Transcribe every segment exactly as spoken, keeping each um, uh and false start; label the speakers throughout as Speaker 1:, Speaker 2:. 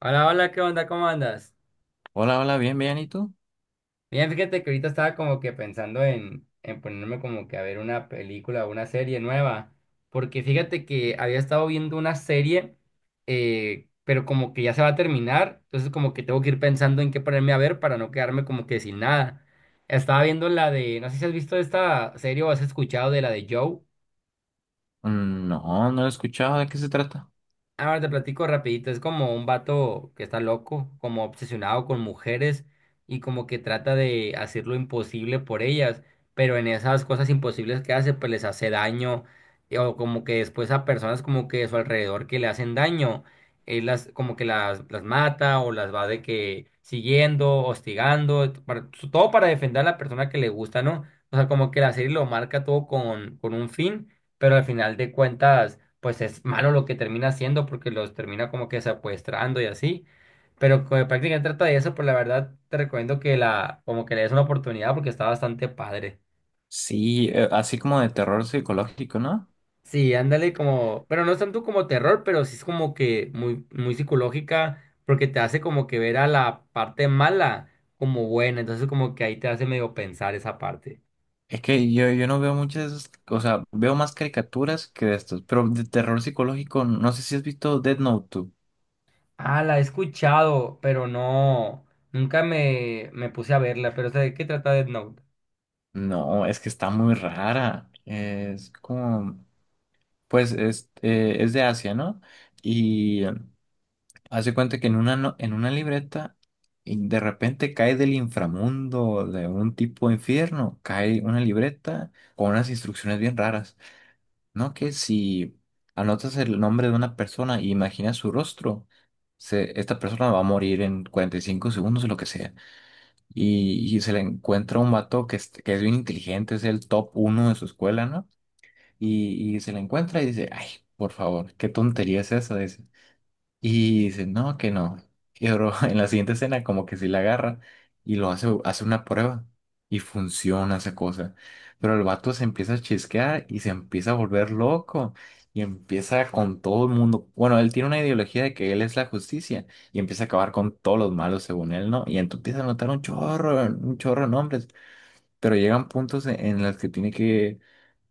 Speaker 1: Hola, hola, ¿qué onda? ¿Cómo andas?
Speaker 2: Hola, hola, bien, bien, ¿y tú?
Speaker 1: Bien, fíjate que ahorita estaba como que pensando en, en ponerme como que a ver una película o una serie nueva, porque fíjate que había estado viendo una serie, eh, pero como que ya se va a terminar, entonces como que tengo que ir pensando en qué ponerme a ver para no quedarme como que sin nada. Estaba viendo la de, no sé si has visto esta serie o has escuchado de la de Joe.
Speaker 2: Mm, no, no lo he escuchado, ¿de qué se trata?
Speaker 1: Ahora te platico rapidito, es como un vato que está loco, como obsesionado con mujeres y como que trata de hacer lo imposible por ellas, pero en esas cosas imposibles que hace, pues les hace daño, eh, o como que después a personas como que de su alrededor que le hacen daño, él las como que las, las mata o las va de que siguiendo, hostigando, para- todo para defender a la persona que le gusta, ¿no? O sea, como que la serie lo marca todo con, con un fin, pero al final de cuentas pues es malo lo que termina haciendo porque los termina como que secuestrando y así. Pero como prácticamente trata de eso, pues la verdad te recomiendo que la, como que le des una oportunidad porque está bastante padre.
Speaker 2: Sí, eh, así como de terror psicológico, ¿no?
Speaker 1: Sí, ándale como, pero no es tanto como terror, pero sí es como que muy, muy psicológica porque te hace como que ver a la parte mala como buena, entonces como que ahí te hace medio pensar esa parte.
Speaker 2: Es que yo, yo no veo muchas, o sea, veo más caricaturas que de estos, pero de terror psicológico, no sé si has visto Dead Note dos.
Speaker 1: Ah, la he escuchado, pero no, nunca me, me puse a verla, pero sé de qué trata Death Note.
Speaker 2: No, es que está muy rara. Es como, pues es, eh, es de Asia, ¿no? Y hace cuenta que en una, no- en una libreta, y de repente cae del inframundo, de un tipo infierno, cae una libreta con unas instrucciones bien raras, ¿no? Que si anotas el nombre de una persona y imaginas su rostro, se- esta persona va a morir en cuarenta y cinco segundos o lo que sea. Y, y se le encuentra un vato que es, que es bien inteligente, es el top uno de su escuela, ¿no? Y, y se le encuentra y dice, ay, por favor, qué tontería es esa, y dice, no, que no. Y bro, en la siguiente escena como que sí la agarra y lo hace, hace una prueba y funciona esa cosa. Pero el vato se empieza a chisquear y se empieza a volver loco y empieza con todo el mundo. Bueno, él tiene una ideología de que él es la justicia y empieza a acabar con todos los malos según él, ¿no? Y entonces empieza a notar un chorro, un chorro de nombres, pero llegan puntos en, en los que tiene que,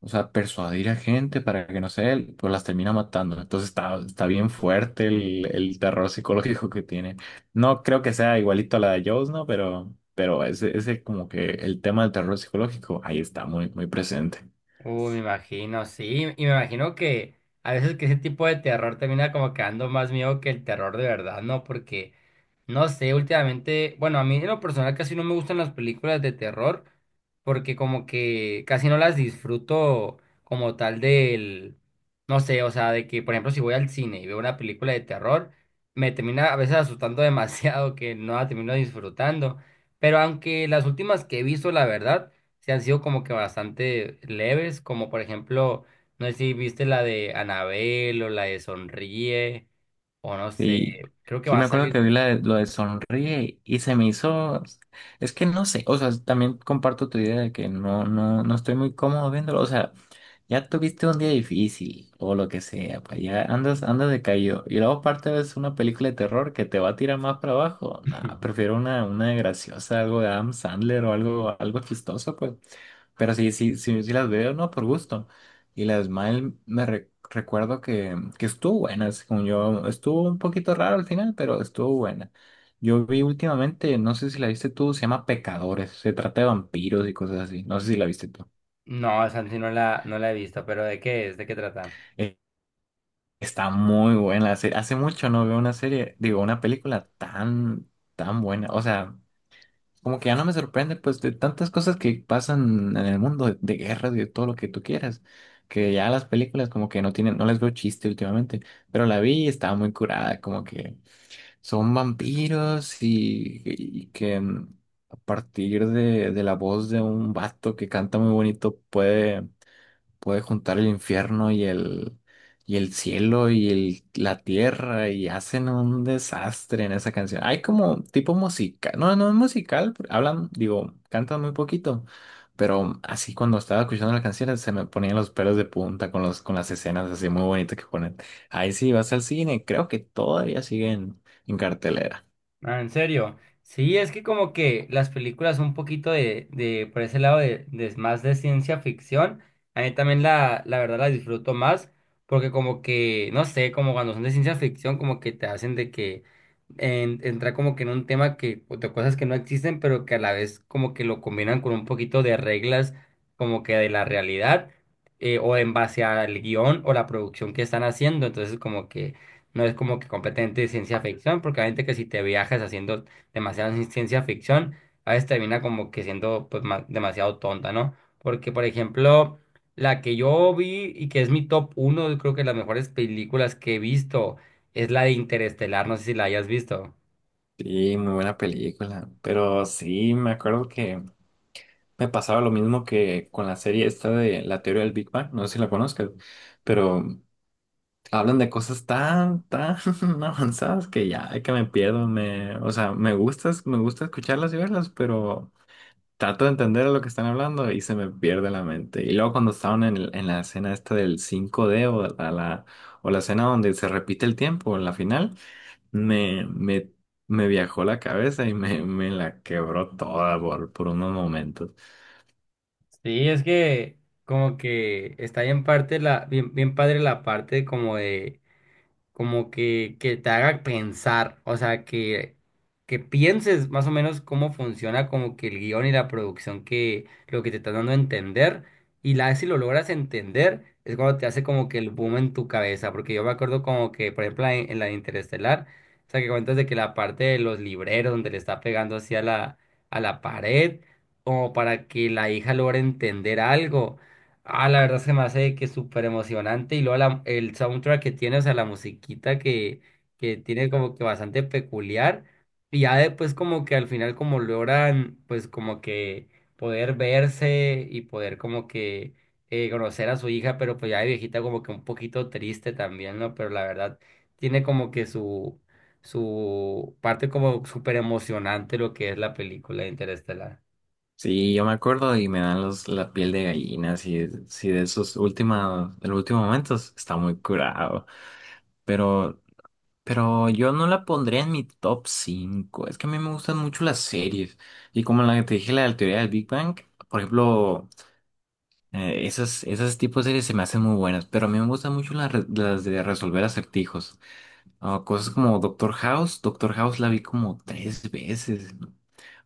Speaker 2: o sea, persuadir a gente para que no sé, pues las termina matando. Entonces está, está bien fuerte el, el terror psicológico que tiene. No creo que sea igualito a la de Jaws, ¿no? Pero, pero ese, ese como que el tema del terror psicológico ahí está muy, muy presente.
Speaker 1: Uy, me imagino, sí, y me imagino que a veces que ese tipo de terror termina como quedando más miedo que el terror de verdad, ¿no? Porque no sé, últimamente, bueno, a mí en lo personal casi no me gustan las películas de terror porque como que casi no las disfruto como tal del, no sé, o sea, de que por ejemplo si voy al cine y veo una película de terror, me termina a veces asustando demasiado que no la termino disfrutando. Pero aunque las últimas que he visto, la verdad, se han sido como que bastante leves, como por ejemplo, no sé si viste la de Anabel o la de Sonríe o no sé,
Speaker 2: Sí,
Speaker 1: creo que
Speaker 2: sí
Speaker 1: va a
Speaker 2: me acuerdo que
Speaker 1: salir...
Speaker 2: vi la de- lo de Sonríe y se me hizo, es que no sé, o sea, también comparto tu idea de que no, no, no estoy muy cómodo viéndolo, o sea, ya tuviste un día difícil o lo que sea, pues ya andas, andas decaído. Y luego aparte ves una película de terror que te va a tirar más para abajo. Nah, prefiero una, una graciosa, algo de Adam Sandler o algo, algo chistoso, pues. Pero sí, sí, sí, sí las veo, ¿no? Por gusto. Y las mal me re- recuerdo que, que estuvo buena, según yo. Estuvo un poquito raro al final, pero estuvo buena. Yo vi últimamente, no sé si la viste tú, se llama Pecadores. Se trata de vampiros y cosas así. No sé si la viste tú.
Speaker 1: No, Santi, no la, no la he visto, pero ¿de qué es? ¿De qué trata?
Speaker 2: Está muy buena la serie. Hace mucho no veo una serie, digo, una película tan, tan buena. O sea, como que ya no me sorprende, pues, de tantas cosas que pasan en el mundo, de, de guerras y de todo lo que tú quieras, que ya las películas como que no tienen, no les veo chiste últimamente. Pero la vi y estaba muy curada, como que son vampiros y, y que mm, a partir de, de la voz de un vato que canta muy bonito puede puede juntar el infierno y el, y el cielo y el- la tierra y hacen un desastre en esa canción. Hay como tipo musical, no, no es musical, pero hablan, digo, cantan muy poquito, pero así cuando estaba escuchando las canciones se me ponían los pelos de punta con los, con las escenas así muy bonitas que ponen. Ahí sí vas al cine, creo que todavía siguen en en cartelera.
Speaker 1: Ah, ¿en serio? Sí, es que como que las películas son un poquito de, de por ese lado de, de más de ciencia ficción, a mí también la, la verdad la disfruto más, porque como que, no sé, como cuando son de ciencia ficción, como que te hacen de que en- entrar como que en un tema que, o de cosas que no existen, pero que a la vez como que lo combinan con un poquito de reglas como que de la realidad, eh, o en base al guión o la producción que están haciendo, entonces como que... No es como que completamente ciencia ficción, porque obviamente que si te viajas haciendo demasiada ci- ciencia ficción, a veces termina como que siendo pues ma- demasiado tonta, ¿no? Porque, por ejemplo, la que yo vi y que es mi top uno, creo que las mejores películas que he visto, es la de Interestelar, no sé si la hayas visto.
Speaker 2: Sí, muy buena película, pero sí, me acuerdo que me pasaba lo mismo que con la serie esta de la teoría del Big Bang, no sé si la conozcas, pero hablan de cosas tan, tan avanzadas que ya, ay, que me pierdo, me, o sea, me gusta, me gusta escucharlas y verlas, pero trato de entender lo que están hablando y se me pierde la mente. Y luego cuando estaban en, el- en la escena esta del cinco d o la, la, o la escena donde se repite el tiempo en la final, me, me, me viajó la cabeza y me, me la quebró toda por, por unos momentos.
Speaker 1: Sí, es que como que está bien parte la, bien, bien padre la parte como de como que, que te haga pensar, o sea, que, que pienses más o menos cómo funciona como que el guión y la producción que lo que te están dando a entender, y la vez si lo logras entender, es cuando te hace como que el boom en tu cabeza, porque yo me acuerdo como que, por ejemplo, en, en la de Interestelar, o sea, que cuentas de que la parte de los libreros donde le está pegando así a la, a la pared, como para que la hija logre entender algo. Ah, la verdad se me hace que es súper emocionante y luego la- el soundtrack que tiene, o sea, la musiquita que, que tiene como que bastante peculiar y ya después como que al final como logran pues como que poder verse y poder como que eh, conocer a su hija, pero pues ya de viejita como que un poquito triste también, ¿no? Pero la verdad tiene como que su, su parte como súper emocionante lo que es la película de Interestelar.
Speaker 2: Sí, yo me acuerdo y me dan los, la piel de gallina, si, si de esos últimos, de los últimos momentos, está muy curado. Pero, pero yo no la pondría en mi top cinco. Es que a mí me gustan mucho las series. Y como la que te dije, la de la teoría del Big Bang, por ejemplo, eh, esas, esas tipos de series se me hacen muy buenas. Pero a mí me gustan mucho las, re- las de resolver acertijos. Ah, cosas como Doctor House. Doctor House la vi como tres veces.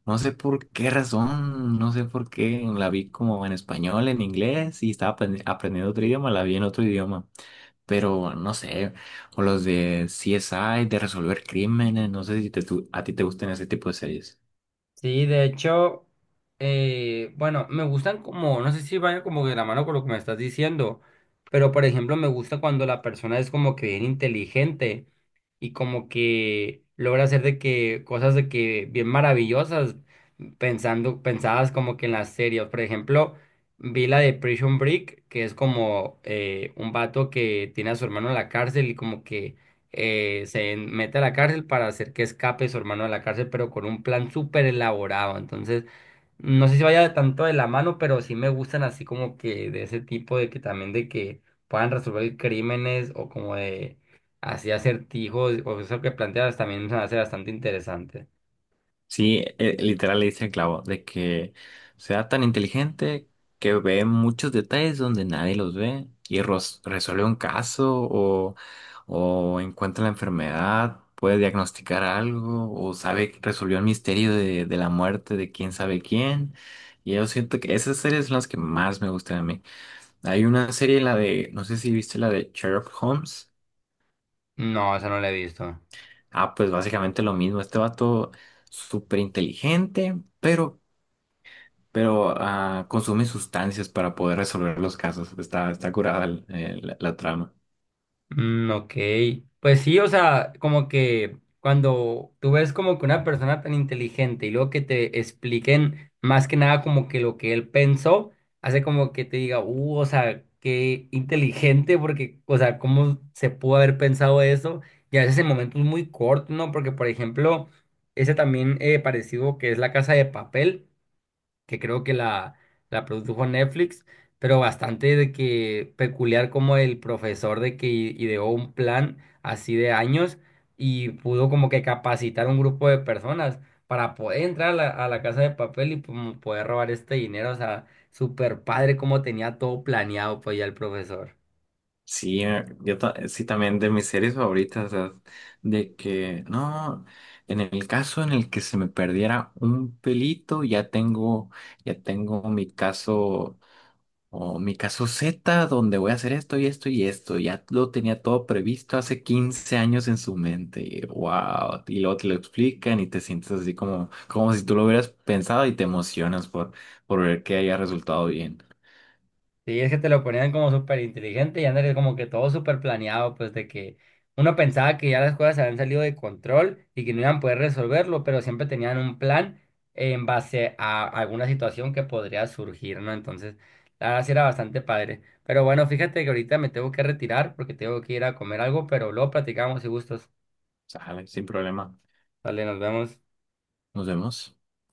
Speaker 2: No sé por qué razón, no sé por qué la vi como en español, en inglés y estaba aprend- aprendiendo otro idioma, la vi en otro idioma, pero no sé, o los de C S I, de resolver crímenes, no sé si te, tu- a ti te gustan ese tipo de series.
Speaker 1: Sí, de hecho, eh, bueno, me gustan como, no sé si vayan como de la mano con lo que me estás diciendo, pero por ejemplo, me gusta cuando la persona es como que bien inteligente y como que logra hacer de que cosas de que bien maravillosas, pensando, pensadas como que en las series. Por ejemplo, vi la de Prison Break, que es como eh, un vato que tiene a su hermano en la cárcel y como que eh, se mete a la cárcel para hacer que escape su hermano de la cárcel, pero con un plan súper elaborado. Entonces, no sé si vaya tanto de la mano, pero sí me gustan así como que de ese tipo de que también de que puedan resolver crímenes o como de así acertijos o eso que planteas también se me hace bastante interesante.
Speaker 2: Sí, eh, literal le dice el clavo de que sea tan inteligente que ve muchos detalles donde nadie los ve y ros- resuelve un caso o, o encuentra la enfermedad, puede diagnosticar algo o sabe que resolvió el misterio de, de la muerte de quién sabe quién. Y yo siento que esas series son las que más me gustan a mí. Hay una serie, la de, no sé si viste la de Sherlock Holmes.
Speaker 1: No, eso no lo he visto.
Speaker 2: Ah, pues básicamente lo mismo. Este vato súper inteligente, pero pero ah, consume sustancias para poder resolver los casos. Está, está curada el- el- la, trama.
Speaker 1: Mm, ok, pues sí, o sea, como que cuando tú ves como que una persona tan inteligente y luego que te expliquen más que nada como que lo que él pensó, hace como que te diga, uh, o sea, qué inteligente, porque, o sea, cómo se pudo haber pensado eso, y a veces en momentos muy cortos, ¿no? Porque, por ejemplo, ese también eh, parecido que es La Casa de Papel que creo que la, la produjo Netflix, pero bastante de que peculiar como el profesor de que i- ideó un plan así de años y pudo como que capacitar un grupo de personas para poder entrar a la, a la Casa de Papel y como poder robar este dinero, o sea, super padre como tenía todo planeado pues ya el profesor.
Speaker 2: Sí, eh, yo ta- sí también de mis series favoritas, o sea, de que no, en el caso en el que se me perdiera un pelito, ya tengo, ya tengo mi caso, o mi caso Z, donde voy a hacer esto y esto y esto. Ya lo tenía todo previsto hace quince años en su mente. Y, wow. Y luego te lo explican y te sientes así como, como si tú lo hubieras pensado y te emocionas por, por ver que haya resultado bien.
Speaker 1: Sí, es que te lo ponían como súper inteligente y andarías como que todo súper planeado, pues de que uno pensaba que ya las cosas se habían salido de control y que no iban a poder resolverlo, pero siempre tenían un plan en base a alguna situación que podría surgir, ¿no? Entonces, la verdad sí era bastante padre. Pero bueno, fíjate que ahorita me tengo que retirar porque tengo que ir a comer algo, pero luego platicamos y gustos.
Speaker 2: Sale, sin problema.
Speaker 1: Vale, nos vemos.
Speaker 2: Nos vemos.